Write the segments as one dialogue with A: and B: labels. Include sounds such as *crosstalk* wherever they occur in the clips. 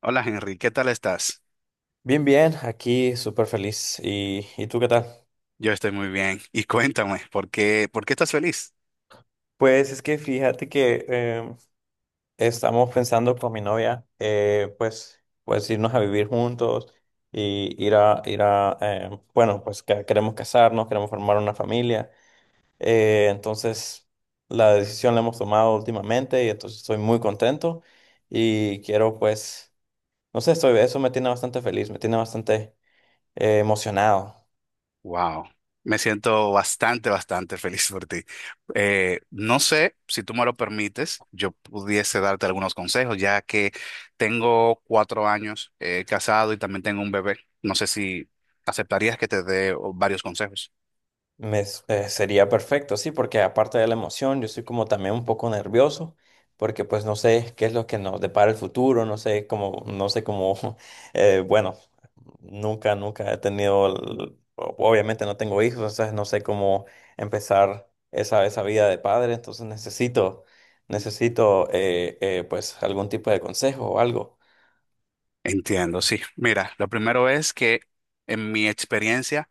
A: Hola Henry, ¿qué tal estás?
B: Bien, bien, aquí súper feliz. ¿Y tú qué tal?
A: Yo estoy muy bien. Y cuéntame, ¿por qué estás feliz?
B: Pues es que fíjate que estamos pensando con mi novia, pues irnos a vivir juntos y pues que queremos casarnos, queremos formar una familia. Entonces, la decisión la hemos tomado últimamente y entonces estoy muy contento y quiero, pues, no sé, estoy, eso me tiene bastante feliz, me tiene bastante emocionado.
A: Wow, me siento bastante, bastante feliz por ti. No sé si tú me lo permites, yo pudiese darte algunos consejos, ya que tengo 4 años casado y también tengo un bebé. No sé si aceptarías que te dé oh, varios consejos.
B: Sería perfecto, sí, porque aparte de la emoción, yo soy como también un poco nervioso, porque pues no sé qué es lo que nos depara el futuro, no sé cómo, *laughs* eh, bueno, nunca he tenido, obviamente no tengo hijos, entonces no sé cómo empezar esa vida de padre, entonces necesito pues algún tipo de consejo o algo.
A: Entiendo, sí. Mira, lo primero es que en mi experiencia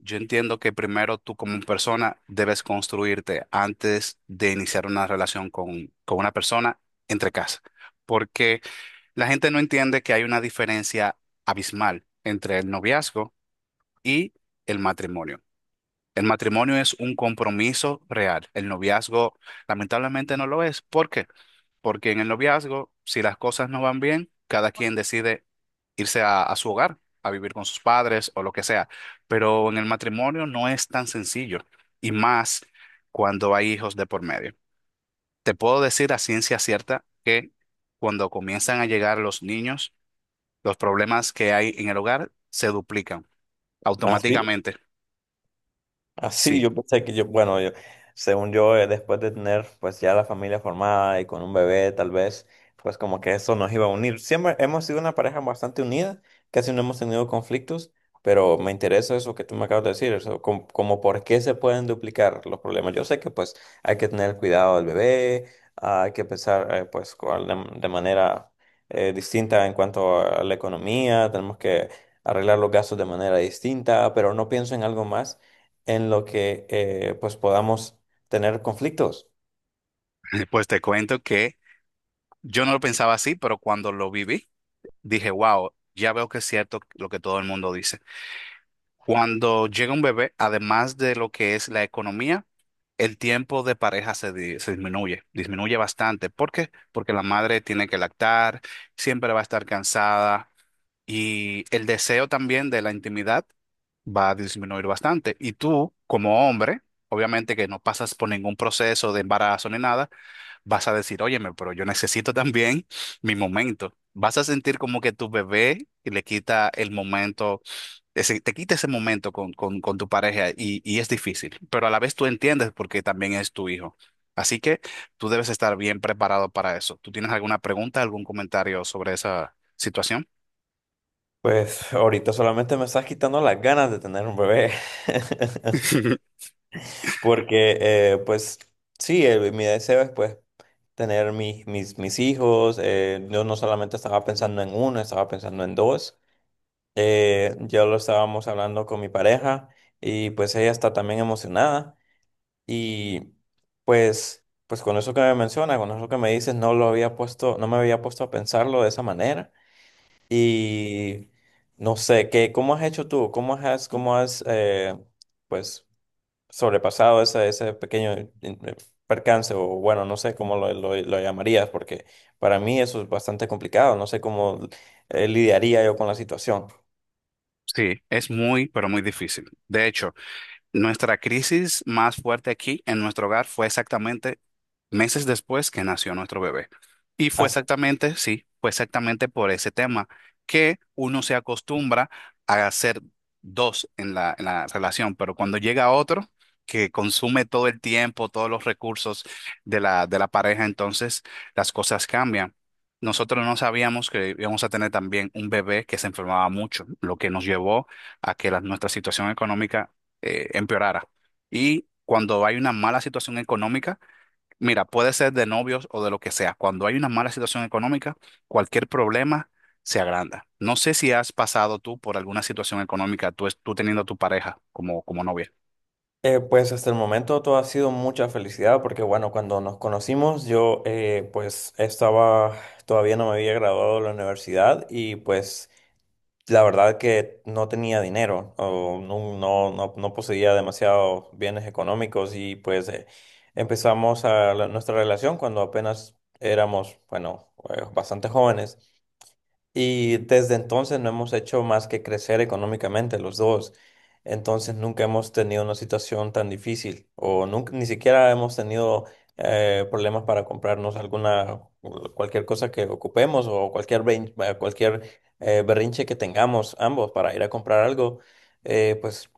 A: yo entiendo que primero tú como persona debes construirte antes de iniciar una relación con una persona entre casa, porque la gente no entiende que hay una diferencia abismal entre el noviazgo y el matrimonio. El matrimonio es un compromiso real. El noviazgo lamentablemente no lo es. ¿Por qué? Porque en el noviazgo, si las cosas no van bien, cada quien decide irse a su hogar, a vivir con sus padres o lo que sea. Pero en el matrimonio no es tan sencillo. Y más cuando hay hijos de por medio. Te puedo decir a ciencia cierta que cuando comienzan a llegar los niños, los problemas que hay en el hogar se duplican
B: ¿Así?
A: automáticamente.
B: Así,
A: Sí,
B: yo pensé que según yo, después de tener pues ya la familia formada y con un bebé, tal vez, pues como que eso nos iba a unir. Siempre hemos sido una pareja bastante unida, casi no hemos tenido conflictos, pero me interesa eso que tú me acabas de decir, eso, como por qué se pueden duplicar los problemas. Yo sé que pues hay que tener cuidado del bebé, ah, hay que pensar pues de manera distinta en cuanto a la economía, tenemos que arreglar los gastos de manera distinta, pero no pienso en algo más en lo que pues podamos tener conflictos.
A: *laughs* pues te cuento que yo no lo pensaba así, pero cuando lo viví, dije, wow, ya veo que es cierto lo que todo el mundo dice. Cuando llega un bebé, además de lo que es la economía, el tiempo de pareja se disminuye, disminuye bastante. ¿Por qué? Porque la madre tiene que lactar, siempre va a estar cansada y el deseo también de la intimidad va a disminuir bastante. Y tú, como hombre, obviamente que no pasas por ningún proceso de embarazo ni nada, vas a decir, óyeme, pero yo necesito también mi momento. Vas a sentir como que tu bebé le quita el momento, te quita ese momento con tu pareja, y es difícil, pero a la vez tú entiendes porque también es tu hijo. Así que tú debes estar bien preparado para eso. ¿Tú tienes alguna pregunta, algún comentario sobre esa situación?
B: Pues *laughs* ahorita solamente me estás quitando las ganas de tener un bebé. *laughs*
A: *laughs*
B: Porque pues sí, el mi deseo es pues tener mis hijos. Yo no solamente estaba pensando en uno, estaba pensando en dos. Ya lo estábamos hablando con mi pareja y pues ella está también emocionada. Y pues, pues con eso que me mencionas, con eso que me dices, no lo había puesto, no me había puesto a pensarlo de esa manera. Y no sé, ¿qué, cómo has hecho tú? Cómo has pues, sobrepasado ese pequeño percance? O bueno, no sé cómo lo llamarías, porque para mí eso es bastante complicado. No sé cómo lidiaría yo con la situación.
A: Sí, es muy, pero muy difícil. De hecho, nuestra crisis más fuerte aquí en nuestro hogar fue exactamente meses después que nació nuestro bebé. Y fue
B: Así-
A: exactamente, sí, fue exactamente por ese tema, que uno se acostumbra a hacer dos en la relación, pero cuando llega otro que consume todo el tiempo, todos los recursos de la pareja, entonces las cosas cambian. Nosotros no sabíamos que íbamos a tener también un bebé que se enfermaba mucho, lo que nos llevó a que nuestra situación económica empeorara. Y cuando hay una mala situación económica, mira, puede ser de novios o de lo que sea. Cuando hay una mala situación económica, cualquier problema se agranda. No sé si has pasado tú por alguna situación económica, tú, tú teniendo a tu pareja como novia.
B: pues hasta el momento todo ha sido mucha felicidad porque bueno, cuando nos conocimos yo pues estaba, todavía no me había graduado de la universidad y pues la verdad que no tenía dinero o no poseía demasiados bienes económicos y pues empezamos nuestra relación cuando apenas éramos, bueno, bastante jóvenes. Y desde entonces no hemos hecho más que crecer económicamente los dos. Entonces nunca hemos tenido una situación tan difícil o nunca, ni siquiera hemos tenido problemas para comprarnos alguna, cualquier cosa que ocupemos o cualquier berrinche que tengamos ambos para ir a comprar algo. Pues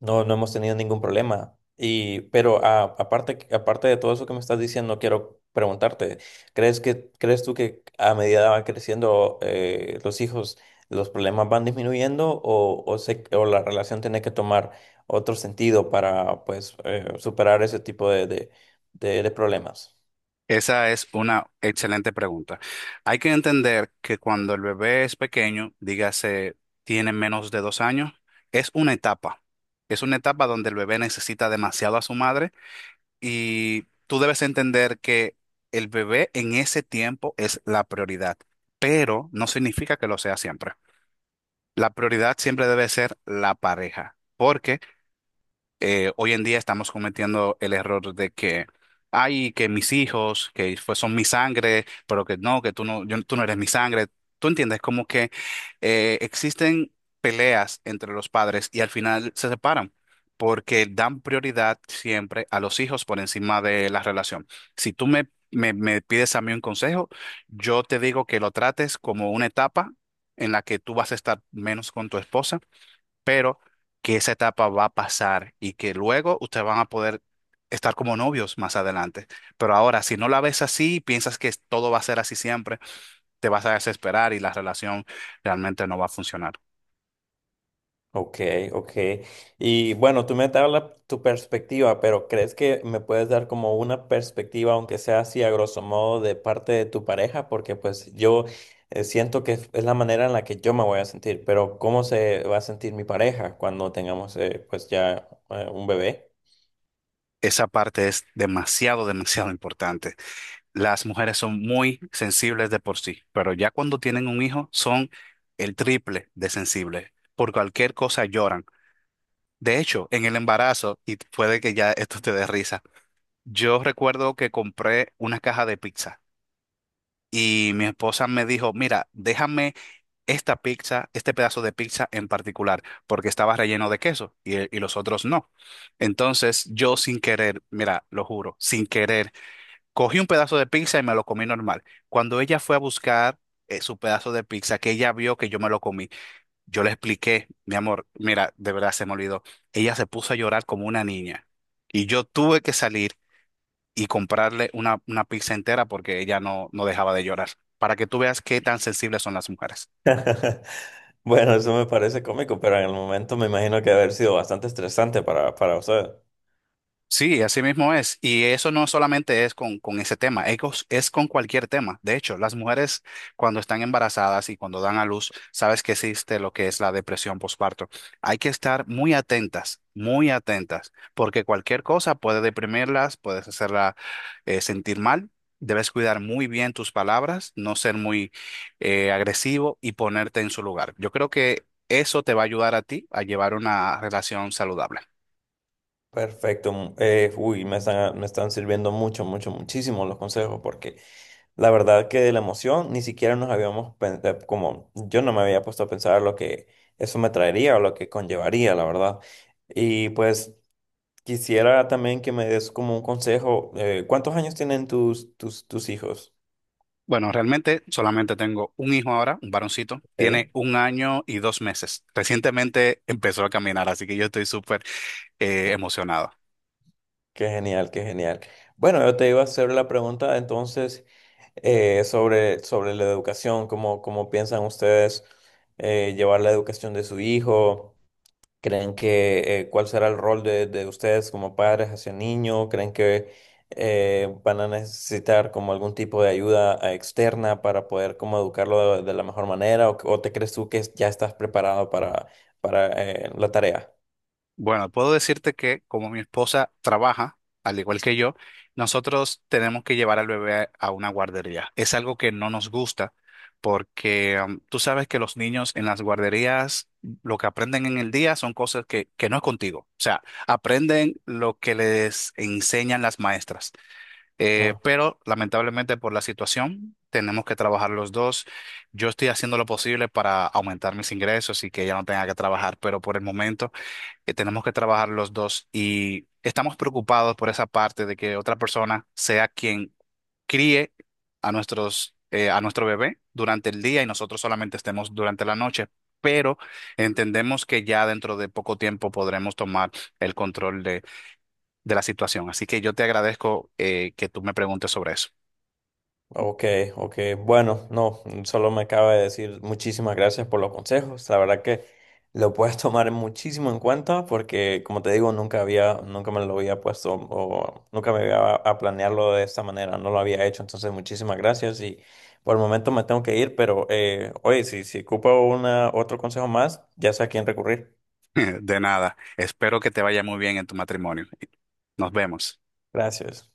B: no, no hemos tenido ningún problema. Y, pero aparte de todo eso que me estás diciendo, quiero preguntarte, crees tú que a medida van creciendo los hijos, los problemas van disminuyendo o la relación tiene que tomar otro sentido para pues superar ese tipo de problemas?
A: Esa es una excelente pregunta. Hay que entender que cuando el bebé es pequeño, dígase, tiene menos de 2 años, es una etapa. Es una etapa donde el bebé necesita demasiado a su madre. Y tú debes entender que el bebé en ese tiempo es la prioridad, pero no significa que lo sea siempre. La prioridad siempre debe ser la pareja, porque hoy en día estamos cometiendo el error de que, ay, que mis hijos, que son mi sangre, pero que no, que tú no, tú no eres mi sangre. Tú entiendes, como que existen peleas entre los padres y al final se separan, porque dan prioridad siempre a los hijos por encima de la relación. Si tú me pides a mí un consejo, yo te digo que lo trates como una etapa en la que tú vas a estar menos con tu esposa, pero que esa etapa va a pasar y que luego ustedes van a poder estar como novios más adelante. Pero ahora, si no la ves así, piensas que todo va a ser así siempre, te vas a desesperar y la relación realmente no va a funcionar.
B: Ok, ok. Y bueno, tú me hablas tu perspectiva, pero ¿crees que me puedes dar como una perspectiva, aunque sea así a grosso modo, de parte de tu pareja? Porque pues yo siento que es la manera en la que yo me voy a sentir, pero ¿cómo se va a sentir mi pareja cuando tengamos un bebé?
A: Esa parte es demasiado, *laughs* demasiado importante. Las mujeres son muy sensibles de por sí, pero ya cuando tienen un hijo son el triple de sensibles. Por cualquier cosa lloran. De hecho, en el embarazo, y puede que ya esto te dé risa, yo recuerdo que compré una caja de pizza y mi esposa me dijo, mira, déjame esta pizza, este pedazo de pizza en particular, porque estaba relleno de queso y los otros no. Entonces yo sin querer, mira, lo juro, sin querer, cogí un pedazo de pizza y me lo comí normal. Cuando ella fue a buscar su pedazo de pizza, que ella vio que yo me lo comí, yo le expliqué, mi amor, mira, de verdad se me olvidó. Ella se puso a llorar como una niña y yo tuve que salir y comprarle una pizza entera porque ella no dejaba de llorar, para que tú veas qué tan sensibles son las mujeres.
B: *laughs* Bueno, eso me parece cómico, pero en el momento me imagino que debe haber sido bastante estresante para usted.
A: Sí, así mismo es. Y eso no solamente es con ese tema, es, es con cualquier tema. De hecho, las mujeres cuando están embarazadas y cuando dan a luz, sabes que existe lo que es la depresión postparto. Hay que estar muy atentas, porque cualquier cosa puede deprimirlas, puedes hacerla sentir mal. Debes cuidar muy bien tus palabras, no ser muy agresivo y ponerte en su lugar. Yo creo que eso te va a ayudar a ti a llevar una relación saludable.
B: Perfecto. Mm, uy, me están sirviendo mucho, mucho, muchísimo los consejos porque la verdad que de la emoción ni siquiera nos habíamos como yo no me había puesto a pensar lo que eso me traería o lo que conllevaría, la verdad. Y pues quisiera también que me des como un consejo. ¿Cuántos años tienen tus hijos?
A: Bueno, realmente solamente tengo un hijo ahora, un varoncito.
B: Ok.
A: Tiene 1 año y 2 meses. Recientemente *laughs* empezó a caminar, así que yo estoy súper emocionado.
B: Qué genial, qué genial. Bueno, yo te iba a hacer la pregunta entonces sobre la educación, cómo piensan ustedes llevar la educación de su hijo. ¿Creen que cuál será el rol de ustedes como padres hacia el niño? ¿Creen que van a necesitar como algún tipo de ayuda externa para poder como educarlo de la mejor manera? O te crees tú que ya estás preparado para la tarea?
A: Bueno, puedo decirte que como mi esposa trabaja, al igual que yo, nosotros tenemos que llevar al bebé a una guardería. Es algo que no nos gusta porque tú sabes que los niños en las guarderías lo que aprenden en el día son cosas que no es contigo. O sea, aprenden lo que les enseñan las maestras.
B: Mm.
A: Pero lamentablemente por la situación tenemos que trabajar los dos. Yo estoy haciendo lo posible para aumentar mis ingresos y que ella no tenga que trabajar, pero por el momento tenemos que trabajar los dos y estamos preocupados por esa parte de que otra persona sea quien críe a nuestro bebé durante el día y nosotros solamente estemos durante la noche. Pero entendemos que ya dentro de poco tiempo podremos tomar el control de la situación. Así que yo te agradezco que tú me preguntes sobre eso.
B: Ok, ok. Bueno, no, solo me acaba de decir muchísimas gracias por los consejos. La verdad que lo puedes *laughs* tomar muchísimo en cuenta porque, como te digo, nunca había, nunca me lo había puesto o nunca me había a planearlo de esta manera. No lo había hecho. Entonces, muchísimas gracias y por el momento me tengo que ir, pero oye, si ocupo una, otro consejo más, ya sé a quién recurrir.
A: *laughs* De nada. Espero que te vaya muy bien en tu matrimonio. Nos vemos.
B: Gracias.